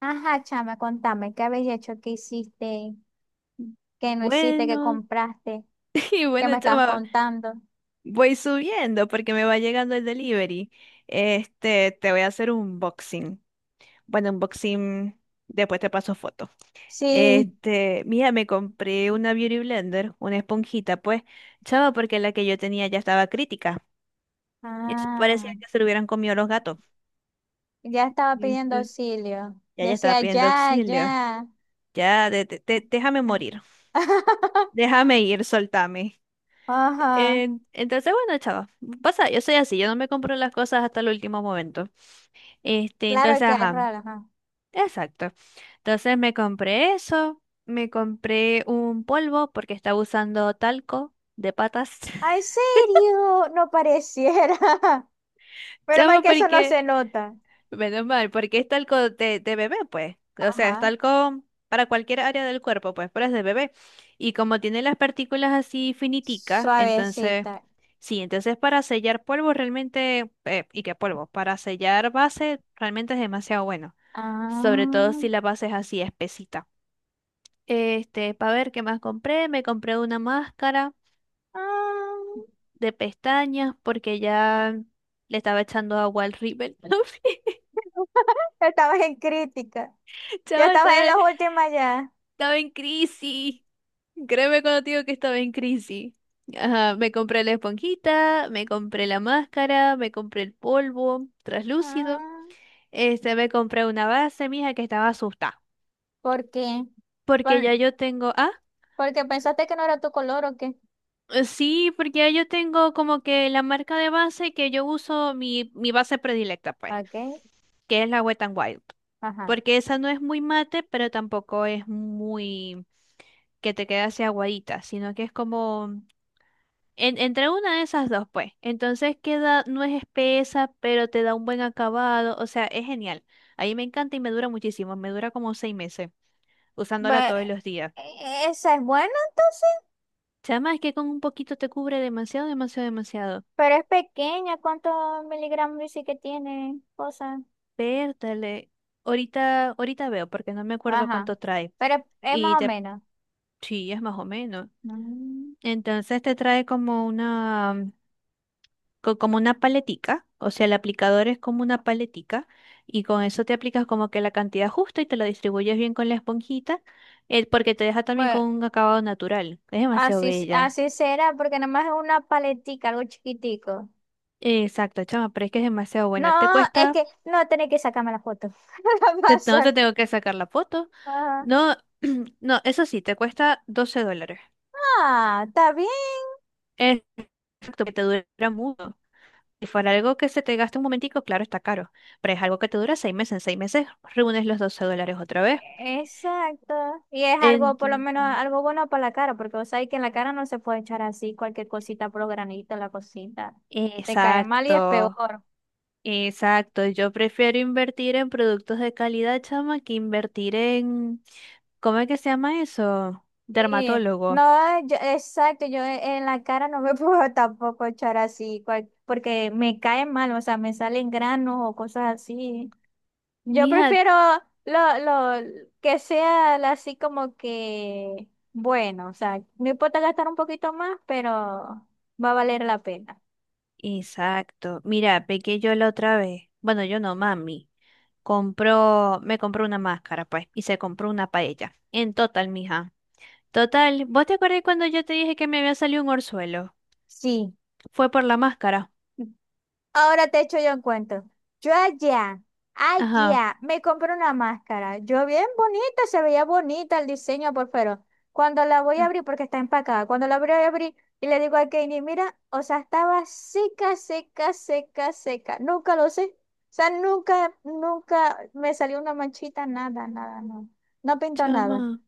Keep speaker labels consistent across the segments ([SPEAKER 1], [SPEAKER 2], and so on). [SPEAKER 1] Ajá, chama, contame, ¿qué habéis hecho? ¿Qué hiciste? ¿Qué no hiciste? ¿Qué
[SPEAKER 2] Bueno,
[SPEAKER 1] compraste?
[SPEAKER 2] y
[SPEAKER 1] ¿Qué
[SPEAKER 2] bueno,
[SPEAKER 1] me estabas
[SPEAKER 2] chama,
[SPEAKER 1] contando?
[SPEAKER 2] voy subiendo porque me va llegando el delivery. Este, te voy a hacer un unboxing. Bueno, unboxing, después te paso foto.
[SPEAKER 1] Sí.
[SPEAKER 2] Este, mira, me compré una Beauty Blender, una esponjita, pues, chama, porque la que yo tenía ya estaba crítica. Y eso
[SPEAKER 1] Ah,
[SPEAKER 2] parecía que se lo hubieran comido los gatos.
[SPEAKER 1] ya estaba pidiendo
[SPEAKER 2] ¿Viste?
[SPEAKER 1] auxilio.
[SPEAKER 2] Ya, ya estaba
[SPEAKER 1] Decía,
[SPEAKER 2] pidiendo
[SPEAKER 1] ya,
[SPEAKER 2] auxilio.
[SPEAKER 1] ya.
[SPEAKER 2] Ya, déjame morir. Déjame ir, soltame.
[SPEAKER 1] Ajá.
[SPEAKER 2] Entonces, bueno, chava, pasa, yo soy así, yo no me compro las cosas hasta el último momento. Este,
[SPEAKER 1] Claro
[SPEAKER 2] entonces,
[SPEAKER 1] que hay
[SPEAKER 2] ajá,
[SPEAKER 1] raro, ajá.
[SPEAKER 2] exacto. Entonces me compré eso, me compré un polvo porque estaba usando talco de patas.
[SPEAKER 1] ¿En serio? No pareciera. Pero mal
[SPEAKER 2] Chava,
[SPEAKER 1] que eso no
[SPEAKER 2] porque
[SPEAKER 1] se nota.
[SPEAKER 2] menos mal, porque es talco de bebé, pues. O sea, es
[SPEAKER 1] Ajá.
[SPEAKER 2] talco para cualquier área del cuerpo, pues, pero es de bebé. Y como tiene las partículas así finiticas, entonces,
[SPEAKER 1] Suavecita.
[SPEAKER 2] sí, entonces para sellar polvo realmente, ¿y qué polvo? Para sellar base realmente es demasiado bueno. Sobre todo
[SPEAKER 1] Ah.
[SPEAKER 2] si la base es así espesita. Este, para ver qué más compré, me compré una máscara
[SPEAKER 1] Ah.
[SPEAKER 2] de pestañas porque ya le estaba echando agua al rímel.
[SPEAKER 1] Estabas en crítica. Ya
[SPEAKER 2] Chava,
[SPEAKER 1] estabas en las últimas ya.
[SPEAKER 2] estaba en crisis. Créeme cuando te digo que estaba en crisis. Ajá, me compré la esponjita, me compré la máscara, me compré el polvo traslúcido.
[SPEAKER 1] Ah,
[SPEAKER 2] Este, me compré una base, mija, que estaba asustada.
[SPEAKER 1] ¿por qué?
[SPEAKER 2] Porque
[SPEAKER 1] Por-
[SPEAKER 2] ya yo tengo. Ah,
[SPEAKER 1] Porque pensaste que no era tu color o qué.
[SPEAKER 2] sí, porque ya yo tengo como que la marca de base que yo uso, mi base predilecta, pues,
[SPEAKER 1] Ok,
[SPEAKER 2] que es la Wet n Wild.
[SPEAKER 1] ajá.
[SPEAKER 2] Porque esa no es muy mate, pero tampoco es muy que te quede así aguadita, sino que es como En- entre una de esas dos, pues. Entonces queda, no es espesa, pero te da un buen acabado. O sea, es genial. A mí me encanta y me dura muchísimo. Me dura como 6 meses usándola
[SPEAKER 1] Ba-
[SPEAKER 2] todos los días.
[SPEAKER 1] Esa es buena entonces,
[SPEAKER 2] Chama, es que con un poquito te cubre demasiado, demasiado, demasiado.
[SPEAKER 1] pero es pequeña. ¿Cuántos miligramos dice que tiene? Cosa.
[SPEAKER 2] Pértale. Ahorita, ahorita veo, porque no me acuerdo
[SPEAKER 1] Ajá.
[SPEAKER 2] cuánto trae.
[SPEAKER 1] Pero es
[SPEAKER 2] Y
[SPEAKER 1] más o
[SPEAKER 2] te,
[SPEAKER 1] menos.
[SPEAKER 2] sí, es más o menos.
[SPEAKER 1] Mm.
[SPEAKER 2] Entonces te trae como una. Co- como una paletica, o sea, el aplicador es como una paletica y con eso te aplicas como que la cantidad justa y te la distribuyes bien con la esponjita, porque te deja también con
[SPEAKER 1] Bueno,
[SPEAKER 2] un acabado natural. Es demasiado
[SPEAKER 1] así,
[SPEAKER 2] bella.
[SPEAKER 1] así será, porque nada más es una paletica, algo chiquitico.
[SPEAKER 2] Exacto, chama, pero es que es demasiado
[SPEAKER 1] No,
[SPEAKER 2] buena. Te
[SPEAKER 1] es
[SPEAKER 2] cuesta,
[SPEAKER 1] que no tenés que sacarme la foto. La
[SPEAKER 2] no te
[SPEAKER 1] pasar.
[SPEAKER 2] tengo que sacar la foto.
[SPEAKER 1] Ah,
[SPEAKER 2] No, no, eso sí, te cuesta $12.
[SPEAKER 1] ah, está bien.
[SPEAKER 2] Es- Exacto, que te dura mucho. Si fuera algo que se te gaste un momentico, claro, está caro, pero es algo que te dura 6 meses. En seis meses reúnes los $12 otra vez.
[SPEAKER 1] Exacto. Y es algo,
[SPEAKER 2] En-
[SPEAKER 1] por lo menos, algo bueno para la cara, porque vos sabés que en la cara no se puede echar así cualquier cosita por los granitos, la cosita. Te cae mal y es
[SPEAKER 2] Exacto,
[SPEAKER 1] peor.
[SPEAKER 2] exacto. Yo prefiero invertir en productos de calidad, chama, que invertir en, ¿cómo es que se llama eso?
[SPEAKER 1] Sí.
[SPEAKER 2] Dermatólogo.
[SPEAKER 1] No, exacto, yo en la cara no me puedo tampoco echar así, porque me cae mal, o sea, me salen granos o cosas así. Yo
[SPEAKER 2] Mija,
[SPEAKER 1] prefiero lo, lo que sea así como que, bueno, o sea, no importa gastar un poquito más, pero va a valer la pena.
[SPEAKER 2] exacto. Mira, pequé yo la otra vez. Bueno, yo no, mami. Compró, me compró una máscara, pues, y se compró una paella. En total, mija. Total, ¿vos te acordás cuando yo te dije que me había salido un orzuelo?
[SPEAKER 1] Sí,
[SPEAKER 2] Fue por la máscara.
[SPEAKER 1] ahora te echo yo un cuento. Yo allá,
[SPEAKER 2] Ajá.
[SPEAKER 1] allá, me compré una máscara. Yo bien bonita, se veía bonita el diseño por fuera. Cuando la voy a
[SPEAKER 2] Mm.
[SPEAKER 1] abrir, porque está empacada, cuando la voy a abrir y le digo a Kenny, mira, o sea, estaba seca, seca, seca, seca. Nunca lo sé. O sea, nunca, nunca me salió una manchita, nada, nada, no. No pintó nada.
[SPEAKER 2] Chama.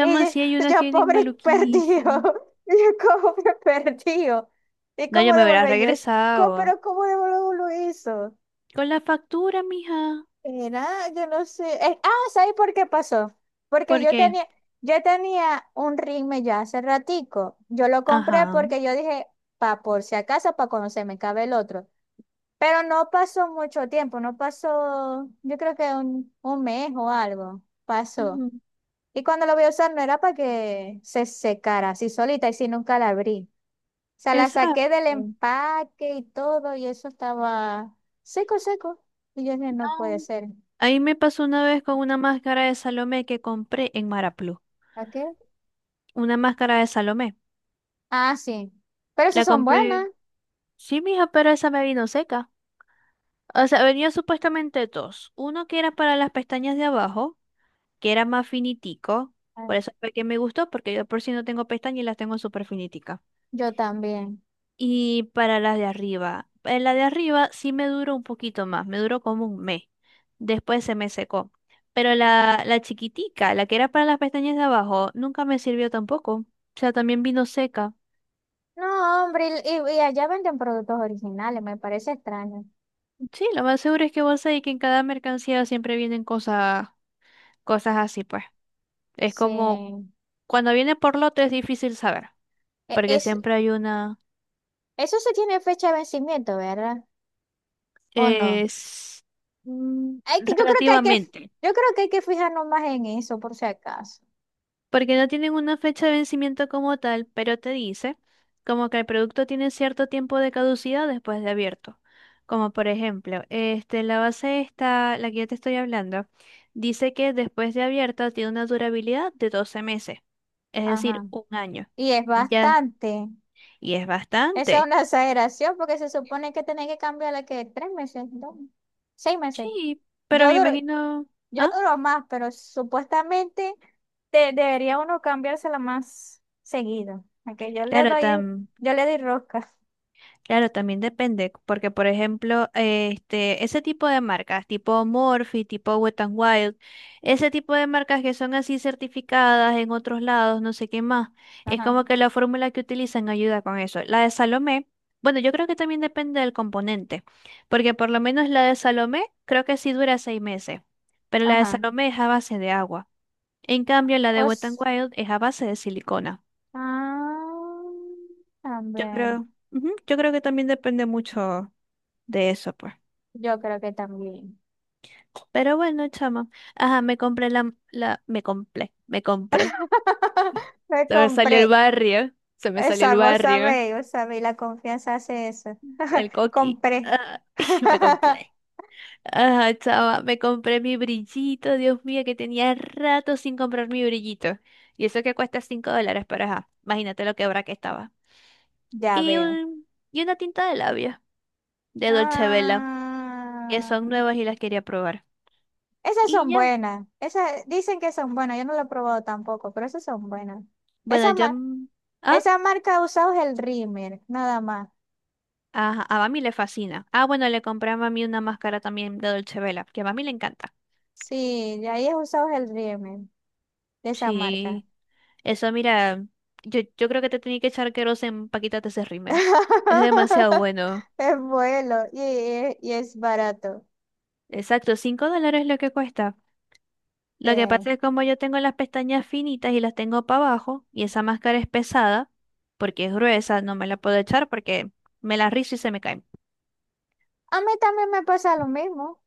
[SPEAKER 1] Y yo,
[SPEAKER 2] sí hay unas que vienen
[SPEAKER 1] Pobre perdido,
[SPEAKER 2] maluquísimo.
[SPEAKER 1] y yo como que perdido. ¿Y
[SPEAKER 2] No,
[SPEAKER 1] cómo
[SPEAKER 2] yo me hubiera
[SPEAKER 1] devolver yo eso?
[SPEAKER 2] regresado.
[SPEAKER 1] ¿Pero cómo devolver lo hizo?
[SPEAKER 2] Con la factura, mija.
[SPEAKER 1] Era, yo no sé. Ah, ¿sabes por qué pasó? Porque
[SPEAKER 2] ¿Por
[SPEAKER 1] yo
[SPEAKER 2] qué?
[SPEAKER 1] tenía, yo tenía un ritme ya hace ratico. Yo lo compré
[SPEAKER 2] Ajá.
[SPEAKER 1] porque yo dije, pa, por si acaso, para cuando se me cabe el otro. Pero no pasó mucho tiempo, no pasó, yo creo que un mes o algo pasó.
[SPEAKER 2] Ujú.
[SPEAKER 1] Y cuando la voy a usar no era para que se secara así solita y si nunca la abrí. O sea, la
[SPEAKER 2] Exacto.
[SPEAKER 1] saqué del empaque y todo y eso estaba seco, seco. Y yo dije, no puede
[SPEAKER 2] No.
[SPEAKER 1] ser.
[SPEAKER 2] Ahí me pasó una vez con una máscara de Salomé que compré en Maraplu.
[SPEAKER 1] ¿A qué?
[SPEAKER 2] Una máscara de Salomé.
[SPEAKER 1] Ah, sí. Pero esas
[SPEAKER 2] La
[SPEAKER 1] son
[SPEAKER 2] compré.
[SPEAKER 1] buenas.
[SPEAKER 2] Sí, mija, pero esa me vino seca. O sea, venía supuestamente dos. Uno que era para las pestañas de abajo, que era más finitico.
[SPEAKER 1] Ah,
[SPEAKER 2] Por eso fue que me gustó, porque yo por si no tengo pestañas y las tengo súper finiticas.
[SPEAKER 1] yo también.
[SPEAKER 2] Y para las de arriba, la de arriba sí me duró un poquito más, me duró como un mes. Después se me secó. Pero la chiquitica, la que era para las pestañas de abajo, nunca me sirvió tampoco. O sea, también vino seca.
[SPEAKER 1] No, hombre, y allá venden productos originales, me parece extraño.
[SPEAKER 2] Sí, lo más seguro es que vos sabés que en cada mercancía siempre vienen cosas, cosas así, pues. Es como
[SPEAKER 1] Sí.
[SPEAKER 2] cuando viene por lote es difícil saber, porque
[SPEAKER 1] Es,
[SPEAKER 2] siempre hay una
[SPEAKER 1] eso se tiene fecha de vencimiento, ¿verdad? ¿O no?
[SPEAKER 2] es, mm,
[SPEAKER 1] Hay que, yo creo que hay que,
[SPEAKER 2] relativamente.
[SPEAKER 1] Yo creo que hay que fijarnos más en eso, por si acaso.
[SPEAKER 2] Porque no tienen una fecha de vencimiento como tal, pero te dice como que el producto tiene cierto tiempo de caducidad después de abierto. Como por ejemplo, este, la base esta, la que yo te estoy hablando, dice que después de abierta tiene una durabilidad de 12 meses, es decir,
[SPEAKER 1] Ajá.
[SPEAKER 2] un año.
[SPEAKER 1] Y es
[SPEAKER 2] Ya,
[SPEAKER 1] bastante.
[SPEAKER 2] y es
[SPEAKER 1] Esa es
[SPEAKER 2] bastante.
[SPEAKER 1] una exageración porque se supone que tenés que cambiarla que tres meses, dos, seis meses.
[SPEAKER 2] Sí, pero
[SPEAKER 1] Yo
[SPEAKER 2] me
[SPEAKER 1] duro,
[SPEAKER 2] imagino,
[SPEAKER 1] yo
[SPEAKER 2] ah,
[SPEAKER 1] duro más, pero supuestamente debería uno cambiársela más seguido. Aunque
[SPEAKER 2] claro, tan
[SPEAKER 1] yo le doy rosca.
[SPEAKER 2] claro, también depende, porque por ejemplo, este, ese tipo de marcas, tipo Morphe, tipo Wet n Wild, ese tipo de marcas que son así certificadas en otros lados, no sé qué más, es
[SPEAKER 1] Ajá,
[SPEAKER 2] como que la fórmula que utilizan ayuda con eso. La de Salomé, bueno, yo creo que también depende del componente, porque por lo menos la de Salomé creo que sí dura 6 meses, pero la de
[SPEAKER 1] ajá.
[SPEAKER 2] Salomé es a base de agua. En cambio, la de Wet n
[SPEAKER 1] Os,
[SPEAKER 2] Wild es a base de silicona.
[SPEAKER 1] ah,
[SPEAKER 2] Yo
[SPEAKER 1] también.
[SPEAKER 2] creo, ujú, yo creo que también depende mucho de eso, pues.
[SPEAKER 1] Yo creo que también.
[SPEAKER 2] Pero bueno, chama. Ajá, me compré me compré, me compré.
[SPEAKER 1] Me
[SPEAKER 2] Se me salió el
[SPEAKER 1] compré.
[SPEAKER 2] barrio, se me salió el
[SPEAKER 1] Esa,
[SPEAKER 2] barrio,
[SPEAKER 1] vos sabéis, la confianza hace eso.
[SPEAKER 2] el coqui.
[SPEAKER 1] Compré.
[SPEAKER 2] Ah, me compré. Ajá, chama, me compré mi brillito, Dios mío, que tenía rato sin comprar mi brillito. Y eso que cuesta $5, pero ajá, imagínate lo quebra que estaba.
[SPEAKER 1] Ya
[SPEAKER 2] Y,
[SPEAKER 1] veo.
[SPEAKER 2] un, y una tinta de labios de Dolce Vela, que
[SPEAKER 1] Ah,
[SPEAKER 2] son nuevas y las quería probar.
[SPEAKER 1] esas
[SPEAKER 2] Y
[SPEAKER 1] son
[SPEAKER 2] ya,
[SPEAKER 1] buenas. Esas dicen que son buenas. Yo no lo he probado tampoco, pero esas son buenas.
[SPEAKER 2] bueno,
[SPEAKER 1] Esa,
[SPEAKER 2] ya...
[SPEAKER 1] ma-
[SPEAKER 2] mm,
[SPEAKER 1] Esa marca ha usado es el Rimmer, nada más.
[SPEAKER 2] ajá, a mami le fascina. Ah, bueno, le compré a mami una máscara también de Dolce Vela, que a mami le encanta.
[SPEAKER 1] Sí, de ahí es usados el Rimmer, de esa marca.
[SPEAKER 2] Sí, eso mira, yo creo que te tenía que echar queroseno para quitarte ese rímel. Es demasiado bueno.
[SPEAKER 1] Es bueno y es barato.
[SPEAKER 2] Exacto, $5 es lo que cuesta.
[SPEAKER 1] Sí.
[SPEAKER 2] Lo que
[SPEAKER 1] A
[SPEAKER 2] pasa es como yo tengo las pestañas finitas y las tengo para abajo, y esa máscara es pesada, porque es gruesa, no me la puedo echar porque me la rizo y se me cae.
[SPEAKER 1] mí también me pasa lo mismo.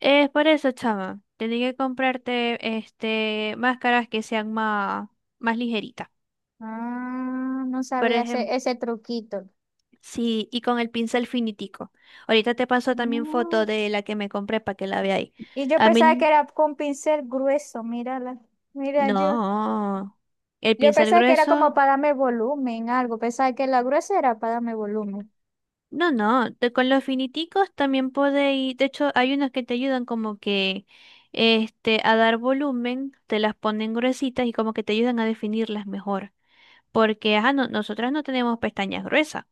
[SPEAKER 2] Es por eso, chama, tenía que comprarte este máscaras que sean más, más ligeritas.
[SPEAKER 1] Ah, no
[SPEAKER 2] Por
[SPEAKER 1] sabía
[SPEAKER 2] ejemplo,
[SPEAKER 1] ese truquito.
[SPEAKER 2] sí, y con el pincel finitico. Ahorita te paso también foto
[SPEAKER 1] Mm.
[SPEAKER 2] de la que me compré para que la veáis.
[SPEAKER 1] Y yo
[SPEAKER 2] A
[SPEAKER 1] pensaba que
[SPEAKER 2] mí,
[SPEAKER 1] era con pincel grueso, mírala. Mira, yo,
[SPEAKER 2] no. El
[SPEAKER 1] yo
[SPEAKER 2] pincel
[SPEAKER 1] pensaba que era como
[SPEAKER 2] grueso,
[SPEAKER 1] para darme volumen, algo. Pensaba que la gruesa era para darme volumen.
[SPEAKER 2] no, no. Con los finiticos también podéis. De hecho, hay unos que te ayudan como que este, a dar volumen, te las ponen gruesitas y como que te ayudan a definirlas mejor. Porque, ajá, nosotras no tenemos pestañas gruesas,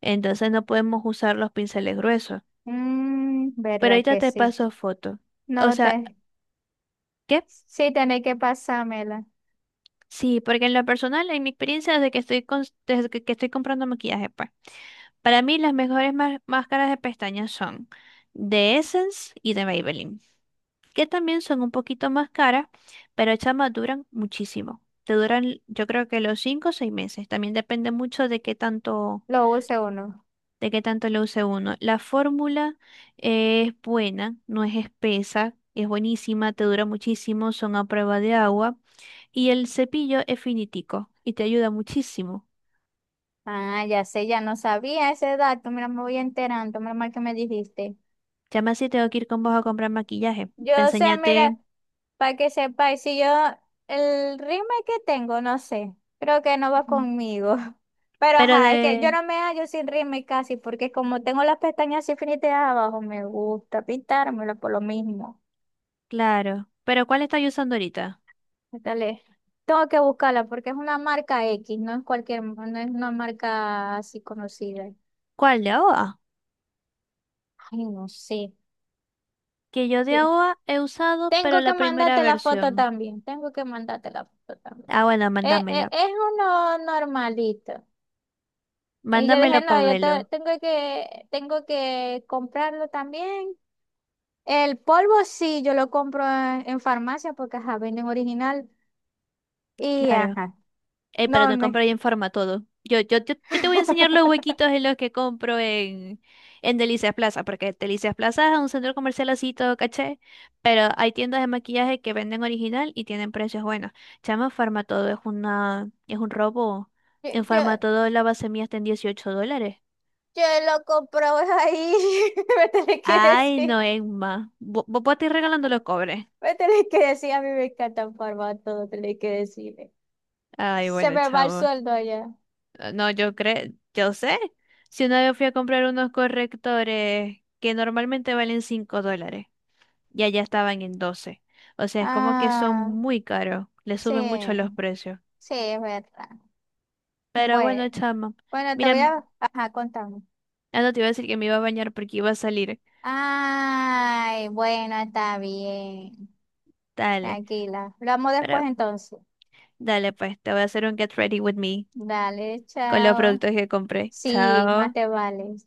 [SPEAKER 2] entonces no podemos usar los pinceles gruesos.
[SPEAKER 1] Mm,
[SPEAKER 2] Pero
[SPEAKER 1] verdad
[SPEAKER 2] ahorita
[SPEAKER 1] que
[SPEAKER 2] te
[SPEAKER 1] sí.
[SPEAKER 2] paso foto. O
[SPEAKER 1] No
[SPEAKER 2] sea,
[SPEAKER 1] te,
[SPEAKER 2] ¿qué?
[SPEAKER 1] Sí tenés que pasármela.
[SPEAKER 2] Sí, porque en lo personal, en mi experiencia, desde que estoy, desde que estoy comprando maquillaje, pues, para mí las mejores máscaras de pestañas son de Essence y de Maybelline, que también son un poquito más caras, pero chamas duran muchísimo. Te duran, yo creo que los 5 o 6 meses. También depende mucho
[SPEAKER 1] Lo use uno.
[SPEAKER 2] de qué tanto lo use uno. La fórmula es buena, no es espesa, es buenísima, te dura muchísimo, son a prueba de agua. Y el cepillo es finitico y te ayuda muchísimo.
[SPEAKER 1] Ah, ya sé, ya no sabía ese dato. Mira, me voy enterando. Mira mal que me dijiste.
[SPEAKER 2] Ya me así tengo que ir con vos a comprar maquillaje.
[SPEAKER 1] Yo
[SPEAKER 2] Pa'
[SPEAKER 1] sé, mira,
[SPEAKER 2] enseñarte.
[SPEAKER 1] para que sepáis, si yo el ritmo que tengo, no sé, creo que no va
[SPEAKER 2] Mm,
[SPEAKER 1] conmigo. Pero
[SPEAKER 2] pero
[SPEAKER 1] ajá, es que yo
[SPEAKER 2] de.
[SPEAKER 1] no me hallo sin ritmo y casi, porque como tengo las pestañas así finitas abajo, me gusta pintármelo por lo mismo.
[SPEAKER 2] Claro. Pero ¿cuál estás usando ahorita?
[SPEAKER 1] Dale. Tengo que buscarla porque es una marca X, no es cualquier, no es una marca así conocida.
[SPEAKER 2] ¿Cuál de AOA?
[SPEAKER 1] Ay, no sé.
[SPEAKER 2] Que yo de
[SPEAKER 1] Sí.
[SPEAKER 2] AOA he usado, pero
[SPEAKER 1] Tengo
[SPEAKER 2] la
[SPEAKER 1] que
[SPEAKER 2] primera
[SPEAKER 1] mandarte la
[SPEAKER 2] versión.
[SPEAKER 1] foto también. Tengo que mandarte la foto también.
[SPEAKER 2] Ah, bueno, mándamela.
[SPEAKER 1] Es uno normalito. Y yo dije,
[SPEAKER 2] Mándamelo,
[SPEAKER 1] no,
[SPEAKER 2] Pabelo.
[SPEAKER 1] tengo tengo que comprarlo también. El polvo sí, yo lo compro en farmacia porque, ajá, venden original. Y,
[SPEAKER 2] Claro.
[SPEAKER 1] ajá,
[SPEAKER 2] Pero
[SPEAKER 1] no
[SPEAKER 2] no compro
[SPEAKER 1] me...
[SPEAKER 2] ahí en Forma todo. Yo te voy a enseñar los huequitos en los que compro en Delicias Plaza, porque Delicias Plaza es un centro comercial así todo caché, pero hay tiendas de maquillaje que venden original y tienen precios buenos. Chama, Forma todo es una, es un robo.
[SPEAKER 1] Yo,
[SPEAKER 2] En Forma
[SPEAKER 1] yo,
[SPEAKER 2] todo la base mía está en $18.
[SPEAKER 1] yo lo compro ahí. Me tenés que
[SPEAKER 2] Ay,
[SPEAKER 1] decir,
[SPEAKER 2] no, Emma. Vos te ir regalando los cobres.
[SPEAKER 1] me tenés que decir, a mí me encanta el formato, tenés que decirme.
[SPEAKER 2] Ay,
[SPEAKER 1] Se
[SPEAKER 2] bueno,
[SPEAKER 1] me va el
[SPEAKER 2] chavo.
[SPEAKER 1] sueldo allá.
[SPEAKER 2] No, yo creo, yo sé. Si una vez fui a comprar unos correctores que normalmente valen $5 y allá estaban en 12. O sea, es como que son
[SPEAKER 1] Ah,
[SPEAKER 2] muy caros, le suben mucho los
[SPEAKER 1] sí,
[SPEAKER 2] precios.
[SPEAKER 1] sí, es verdad.
[SPEAKER 2] Pero bueno,
[SPEAKER 1] Bueno,
[SPEAKER 2] chama,
[SPEAKER 1] bueno, te
[SPEAKER 2] mira,
[SPEAKER 1] voy a, ajá, contar.
[SPEAKER 2] ah, no te iba a decir que me iba a bañar porque iba a salir.
[SPEAKER 1] Ay, bueno, está bien.
[SPEAKER 2] Dale,
[SPEAKER 1] Tranquila. Lo amo después
[SPEAKER 2] pero
[SPEAKER 1] entonces.
[SPEAKER 2] dale pues, te voy a hacer un get ready with me
[SPEAKER 1] Dale,
[SPEAKER 2] con los
[SPEAKER 1] chao.
[SPEAKER 2] productos que compré.
[SPEAKER 1] Sí, más
[SPEAKER 2] Chao.
[SPEAKER 1] te vale. Chao.